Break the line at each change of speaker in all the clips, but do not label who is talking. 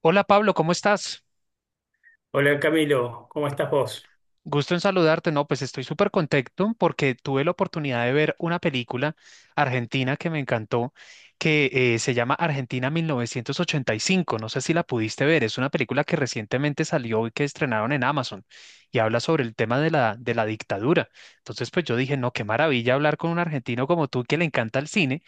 Hola Pablo, ¿cómo estás?
Hola Camilo, ¿cómo estás vos?
Gusto en saludarte. No, pues estoy súper contento porque tuve la oportunidad de ver una película argentina que me encantó, que se llama Argentina 1985. No sé si la pudiste ver. Es una película que recientemente salió y que estrenaron en Amazon y habla sobre el tema de de la dictadura. Entonces, pues yo dije, no, qué maravilla hablar con un argentino como tú que le encanta el cine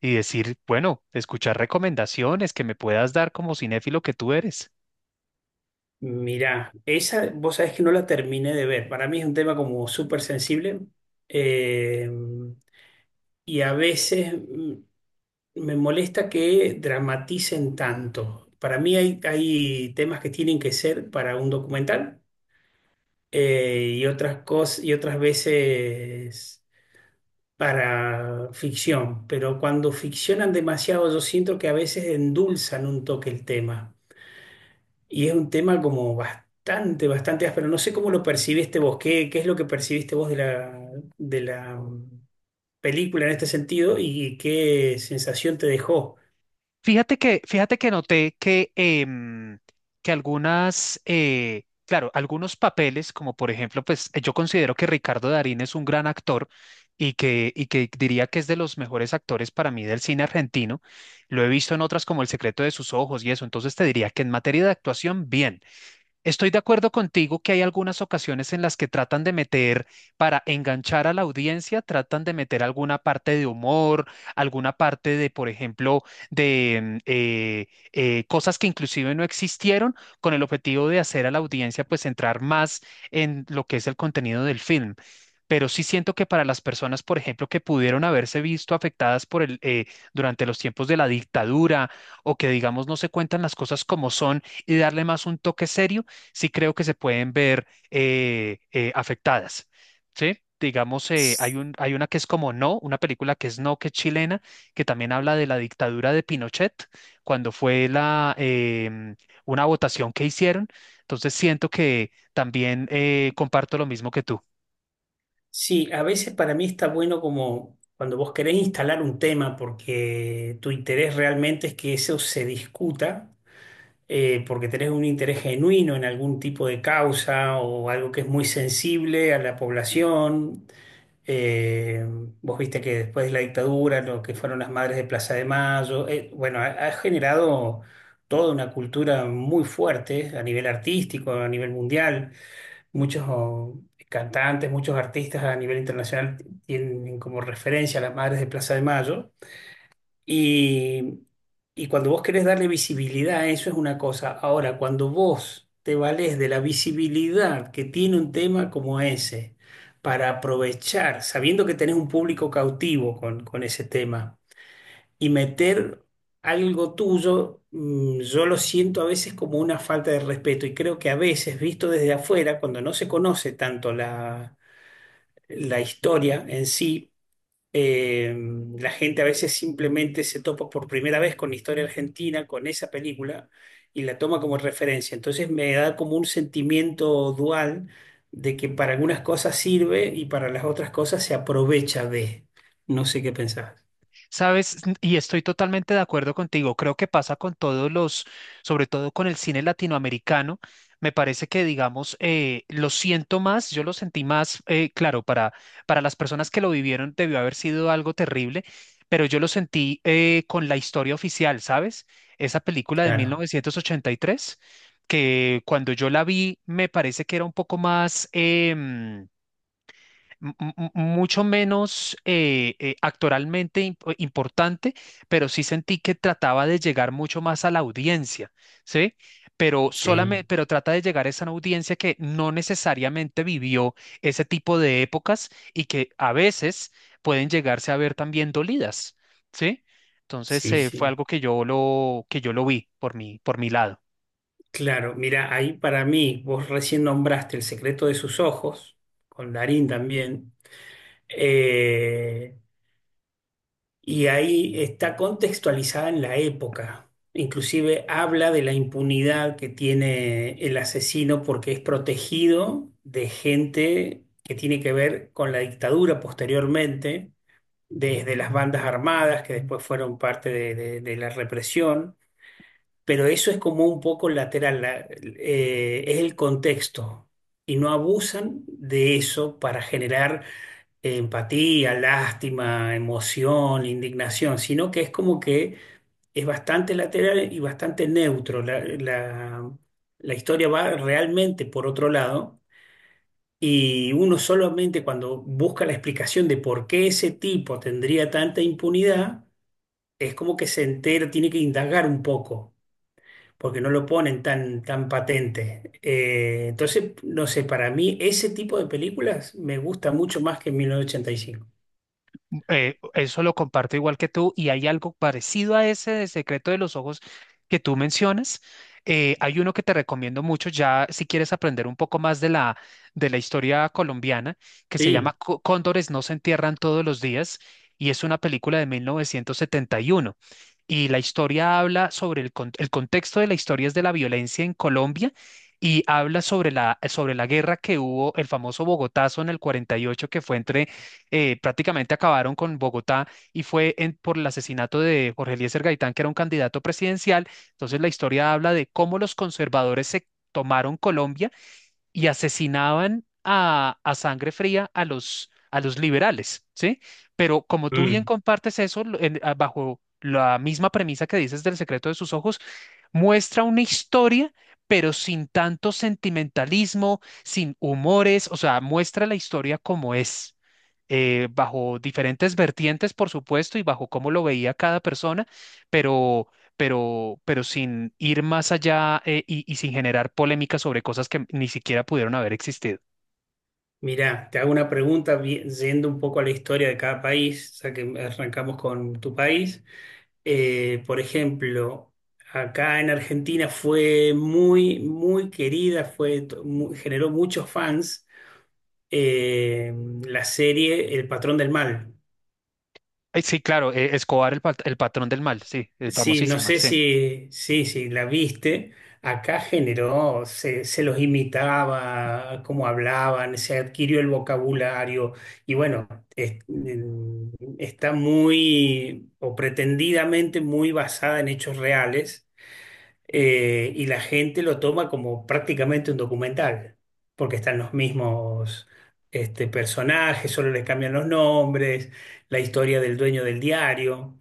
y decir, bueno, escuchar recomendaciones que me puedas dar como cinéfilo que tú eres.
Mirá, esa vos sabés que no la terminé de ver. Para mí es un tema como súper sensible eh, y a veces me molesta que dramaticen tanto. Para mí hay temas que tienen que ser para un documental y otras cosas y otras veces para ficción. Pero cuando ficcionan demasiado, yo siento que a veces endulzan un toque el tema. Y es un tema como bastante áspero. No sé cómo lo percibiste vos, qué es lo que percibiste vos de la película en este sentido y qué sensación te dejó.
Fíjate que noté que claro, algunos papeles, como por ejemplo, pues yo considero que Ricardo Darín es un gran actor y que diría que es de los mejores actores para mí del cine argentino. Lo he visto en otras como El secreto de sus ojos y eso, entonces te diría que en materia de actuación, bien. Estoy de acuerdo contigo que hay algunas ocasiones en las que tratan de meter, para enganchar a la audiencia, tratan de meter alguna parte de humor, alguna parte de, por ejemplo, de cosas que inclusive no existieron, con el objetivo de hacer a la audiencia pues entrar más en lo que es el contenido del film. Pero sí siento que para las personas, por ejemplo, que pudieron haberse visto afectadas durante los tiempos de la dictadura o que, digamos, no se cuentan las cosas como son y darle más un toque serio, sí creo que se pueden ver afectadas, ¿sí? Digamos, hay una que es como No, una película que es No, que es chilena, que también habla de la dictadura de Pinochet, cuando fue una votación que hicieron. Entonces siento que también comparto lo mismo que tú.
Sí, a veces para mí está bueno como cuando vos querés instalar un tema porque tu interés realmente es que eso se discuta, porque tenés un interés genuino en algún tipo de causa o algo que es muy sensible a la población. Eh, vos viste que después de la dictadura, lo que fueron las madres de Plaza de Mayo, bueno, ha generado toda una cultura muy fuerte a nivel artístico, a nivel mundial. Muchos cantantes, muchos artistas a nivel internacional tienen como referencia a las madres de Plaza de Mayo. Y, y cuando vos querés darle visibilidad a eso es una cosa. Ahora, cuando vos te valés de la visibilidad que tiene un tema como ese para aprovechar, sabiendo que tenés un público cautivo con ese tema, y meter algo tuyo, mm, yo lo siento a veces como una falta de respeto y creo que a veces, visto desde afuera, cuando no se conoce tanto la historia en sí, eh, la gente a veces simplemente se topa por primera vez con la historia argentina, con esa película, y la toma como referencia. Entonces me da como un sentimiento dual de que para algunas cosas sirve y para las otras cosas se aprovecha de. No sé qué pensás.
Sabes, y estoy totalmente de acuerdo contigo. Creo que pasa con sobre todo con el cine latinoamericano. Me parece que, digamos, yo lo sentí más, claro, para las personas que lo vivieron debió haber sido algo terrible, pero yo lo sentí con la historia oficial, ¿sabes? Esa película de
Claro,
1983, que cuando yo la vi me parece que era un poco más... em, m- m- mucho menos actoralmente importante, pero sí sentí que trataba de llegar mucho más a la audiencia, ¿sí? Pero solamente,
sí,
pero trata de llegar a esa audiencia que no necesariamente vivió ese tipo de épocas y que a veces pueden llegarse a ver también dolidas, ¿sí? Entonces,
sí,
fue
sí.
algo que que yo lo vi por mi lado.
Claro, mira, ahí para mí, vos recién nombraste El secreto de sus ojos, con Darín también. Eh, Y ahí está contextualizada en la época. Inclusive habla de la impunidad que tiene el asesino porque es protegido de gente que tiene que ver con la dictadura posteriormente, desde las bandas armadas que después fueron parte de la represión, pero eso es como un poco lateral, es el contexto y no abusan de eso para generar empatía, lástima, emoción, indignación, sino que es como que es bastante lateral y bastante neutro. La historia va realmente por otro lado y uno solamente cuando busca la explicación de por qué ese tipo tendría tanta impunidad, es como que se entera, tiene que indagar un poco. Porque no lo ponen tan patente. Entonces, no sé, para mí ese tipo de películas me gusta mucho más que mil novecientos ochenta y cinco.
Eso lo comparto igual que tú y hay algo parecido a ese de Secreto de los Ojos que tú mencionas. Hay uno que te recomiendo mucho ya si quieres aprender un poco más de de la historia colombiana que se
Sí.
llama Cóndores no se entierran todos los días y es una película de 1971. Y uno. Y la historia habla sobre el contexto de la historia es de la violencia en Colombia y habla sobre la guerra que hubo, el famoso Bogotazo en el 48 que fue entre prácticamente acabaron con Bogotá y fue por el asesinato de Jorge Eliezer Gaitán, que era un candidato presidencial. Entonces la historia habla de cómo los conservadores se tomaron Colombia y asesinaban a sangre fría a los liberales, ¿sí? Pero como tú bien
Mm.
compartes eso bajo la misma premisa que dices del secreto de sus ojos, muestra una historia, pero sin tanto sentimentalismo, sin humores, o sea, muestra la historia como es bajo diferentes vertientes, por supuesto, y bajo cómo lo veía cada persona, pero, pero sin ir más allá y sin generar polémica sobre cosas que ni siquiera pudieron haber existido.
Mirá, te hago una pregunta yendo un poco a la historia de cada país, ya que arrancamos con tu país. Por ejemplo, acá en Argentina fue muy querida, generó muchos fans eh, la serie El Patrón del Mal.
Sí, claro, Escobar, el patrón del mal, sí,
Sí, no
famosísima,
sé
sí.
si, sí, la viste. Acá generó, se los imitaba, cómo hablaban, se adquirió el vocabulario y bueno, es- en- está muy o pretendidamente muy basada en hechos reales y la gente lo toma como prácticamente un documental, porque están los mismos este, personajes, solo les cambian los nombres, la historia del dueño del diario.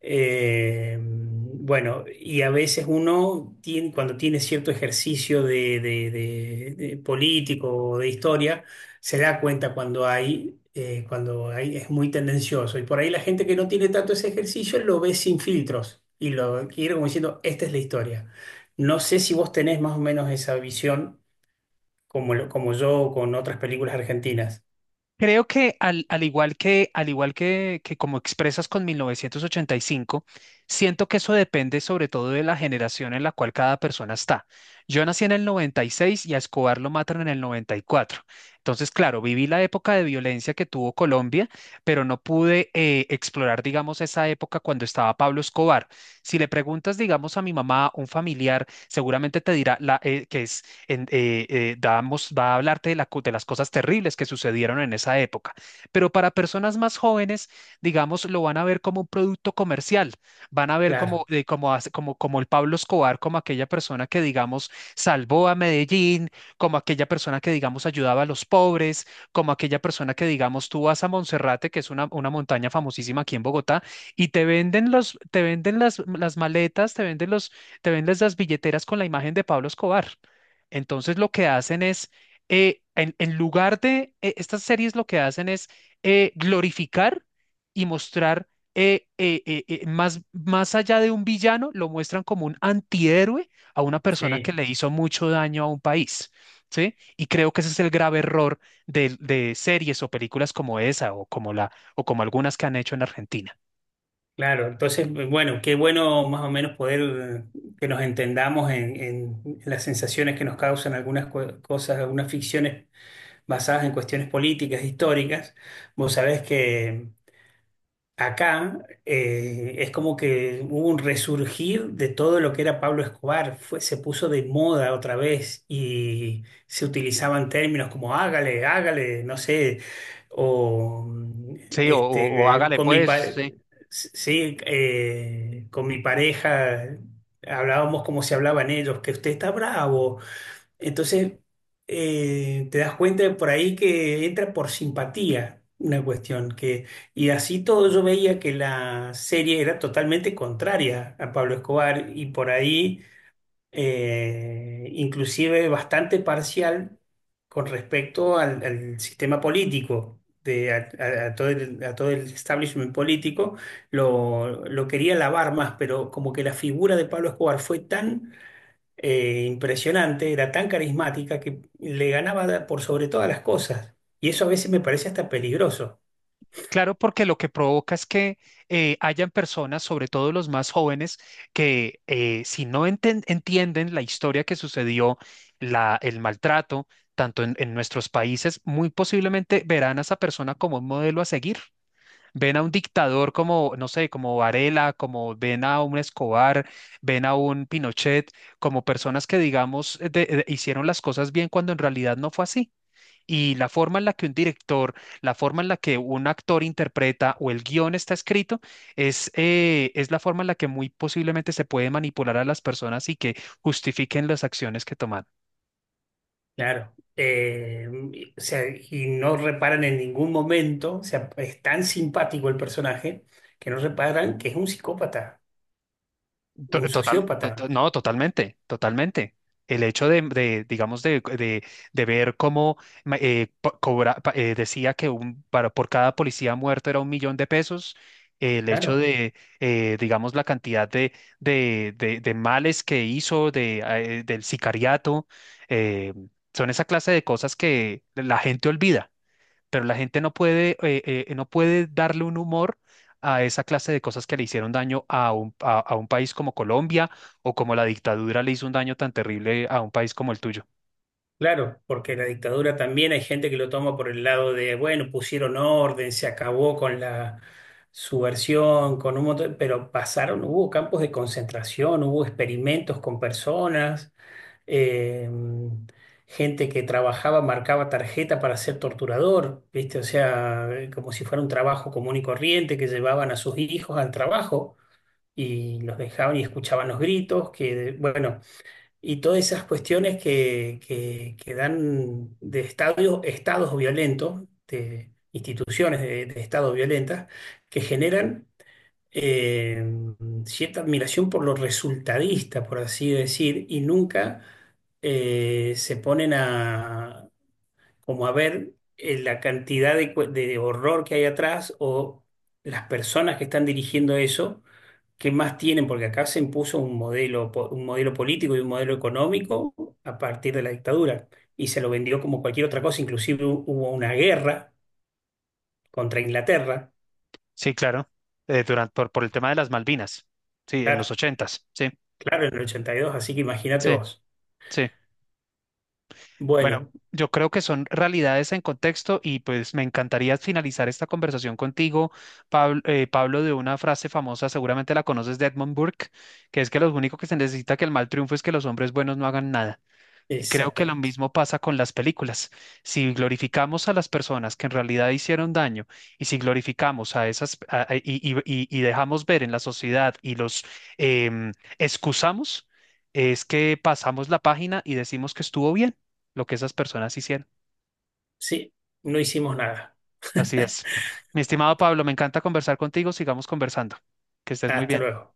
Bueno, y a veces uno tiene, cuando tiene cierto ejercicio de político o de historia, se da cuenta cuando hay, es muy tendencioso. Y por ahí la gente que no tiene tanto ese ejercicio lo ve sin filtros y lo quiere como diciendo, esta es la historia. No sé si vos tenés más o menos esa visión como, como yo con otras películas argentinas.
Creo que al igual que como expresas con 1985 siento que eso depende sobre todo de la generación en la cual cada persona está. Yo nací en el 96 y a Escobar lo matan en el 94. Entonces, claro, viví la época de violencia que tuvo Colombia, pero no pude explorar, digamos, esa época cuando estaba Pablo Escobar. Si le preguntas, digamos, a mi mamá, un familiar, seguramente te dirá va a hablarte de las cosas terribles que sucedieron en esa época. Pero para personas más jóvenes, digamos, lo van a ver como un producto comercial, van a ver
Claro,
como el Pablo Escobar, como aquella persona que, digamos, salvó a Medellín, como aquella persona que, digamos, ayudaba a los pobres, como aquella persona que, digamos, tú vas a Monserrate, que es una montaña famosísima aquí en Bogotá, y te venden las maletas, te venden las billeteras con la imagen de Pablo Escobar. Entonces lo que hacen es, en lugar de, estas series lo que hacen es glorificar y mostrar más allá de un villano, lo muestran como un antihéroe a una persona que
sí.
le hizo mucho daño a un país, ¿sí? Y creo que ese es el grave error de series o películas como esa o o como algunas que han hecho en Argentina.
Claro, entonces, bueno, qué bueno más o menos poder que nos entendamos en las sensaciones que nos causan algunas cosas, algunas ficciones basadas en cuestiones políticas, históricas. Vos sabés que acá es como que hubo un resurgir de todo lo que era Pablo Escobar, fue, se puso de moda otra vez y se utilizaban términos como hágale, hágale, no sé, o mm,
Sí, o
este,
hágale
con mi,
pues,
pa-
sí,
s- sí, con mi pareja hablábamos como se hablaban ellos, que usted está bravo, entonces, te das cuenta de por ahí que entra por simpatía una cuestión que, y así todo yo veía que la serie era totalmente contraria a Pablo Escobar y por ahí inclusive bastante parcial con respecto al sistema político. A todo a todo el establishment político lo quería lavar más, pero como que la figura de Pablo Escobar fue tan impresionante, era tan carismática que le ganaba por sobre todas las cosas. Y eso a veces me parece hasta peligroso,
Claro, porque lo que provoca es que hayan personas, sobre todo los más jóvenes, que si no entienden la historia que sucedió, el maltrato, tanto en nuestros países, muy posiblemente verán a esa persona como un modelo a seguir. Ven a un dictador como, no sé, como Varela, como ven a un Escobar, ven a un Pinochet, como personas que, digamos, hicieron las cosas bien cuando en realidad no fue así. Y la forma en la que un director, la forma en la que un actor interpreta o el guión está escrito, es la forma en la que muy posiblemente se puede manipular a las personas y que justifiquen las acciones que toman.
claro. O sea, y no reparan en ningún momento, o sea, es tan simpático el personaje que no reparan que es un psicópata, un
Total,
sociópata,
no, totalmente, totalmente. El hecho digamos, de ver cómo decía que por cada policía muerto era 1 millón de pesos, el hecho
claro.
digamos, la cantidad de males que hizo, del sicariato, eh, son esa clase de cosas que la gente olvida pero la gente no puede darle un humor a esa clase de cosas que le hicieron daño a un, a un país como Colombia o como la dictadura le hizo un daño tan terrible a un país como el tuyo.
Claro, porque la dictadura también hay gente que lo toma por el lado de, bueno, pusieron orden, se acabó con la subversión, con un montón, pero pasaron, hubo campos de concentración, hubo experimentos con personas, eh, gente que trabajaba, marcaba tarjeta para ser torturador, ¿viste? O sea, como si fuera un trabajo común y corriente que llevaban a sus hijos al trabajo y los dejaban y escuchaban los gritos, que, bueno, y todas esas cuestiones que dan de estadios, estados violentos, de instituciones de estados violentas, que generan eh, cierta admiración por lo resultadista, por así decir, y nunca se ponen a como a ver la cantidad de, de horror que hay atrás o las personas que están dirigiendo eso, qué más tienen, porque acá se impuso un modelo, un modelo político y un modelo económico a partir de la dictadura y se lo vendió como cualquier otra cosa, inclusive hubo una guerra contra Inglaterra,
Sí, claro, por el tema de las Malvinas, sí, en
claro,
los ochentas, sí,
claro, en el 82, así que imagínate
sí,
vos.
sí. Bueno,
Bueno,
yo creo que son realidades en contexto y pues me encantaría finalizar esta conversación contigo, Pablo, Pablo, de una frase famosa, seguramente la conoces de Edmund Burke, que es que lo único que se necesita que el mal triunfe es que los hombres buenos no hagan nada. Y creo que lo
exactamente.
mismo pasa con las películas. Si glorificamos a las personas que en realidad hicieron daño y si glorificamos a esas a- y dejamos ver en la sociedad y los em, excusamos, es que pasamos la página y decimos que estuvo bien lo que esas personas hicieron.
Sí, no hicimos nada.
Así es. Mi estimado Pablo, me encanta conversar contigo. Sigamos conversando. Que estés muy
Hasta
bien.
luego.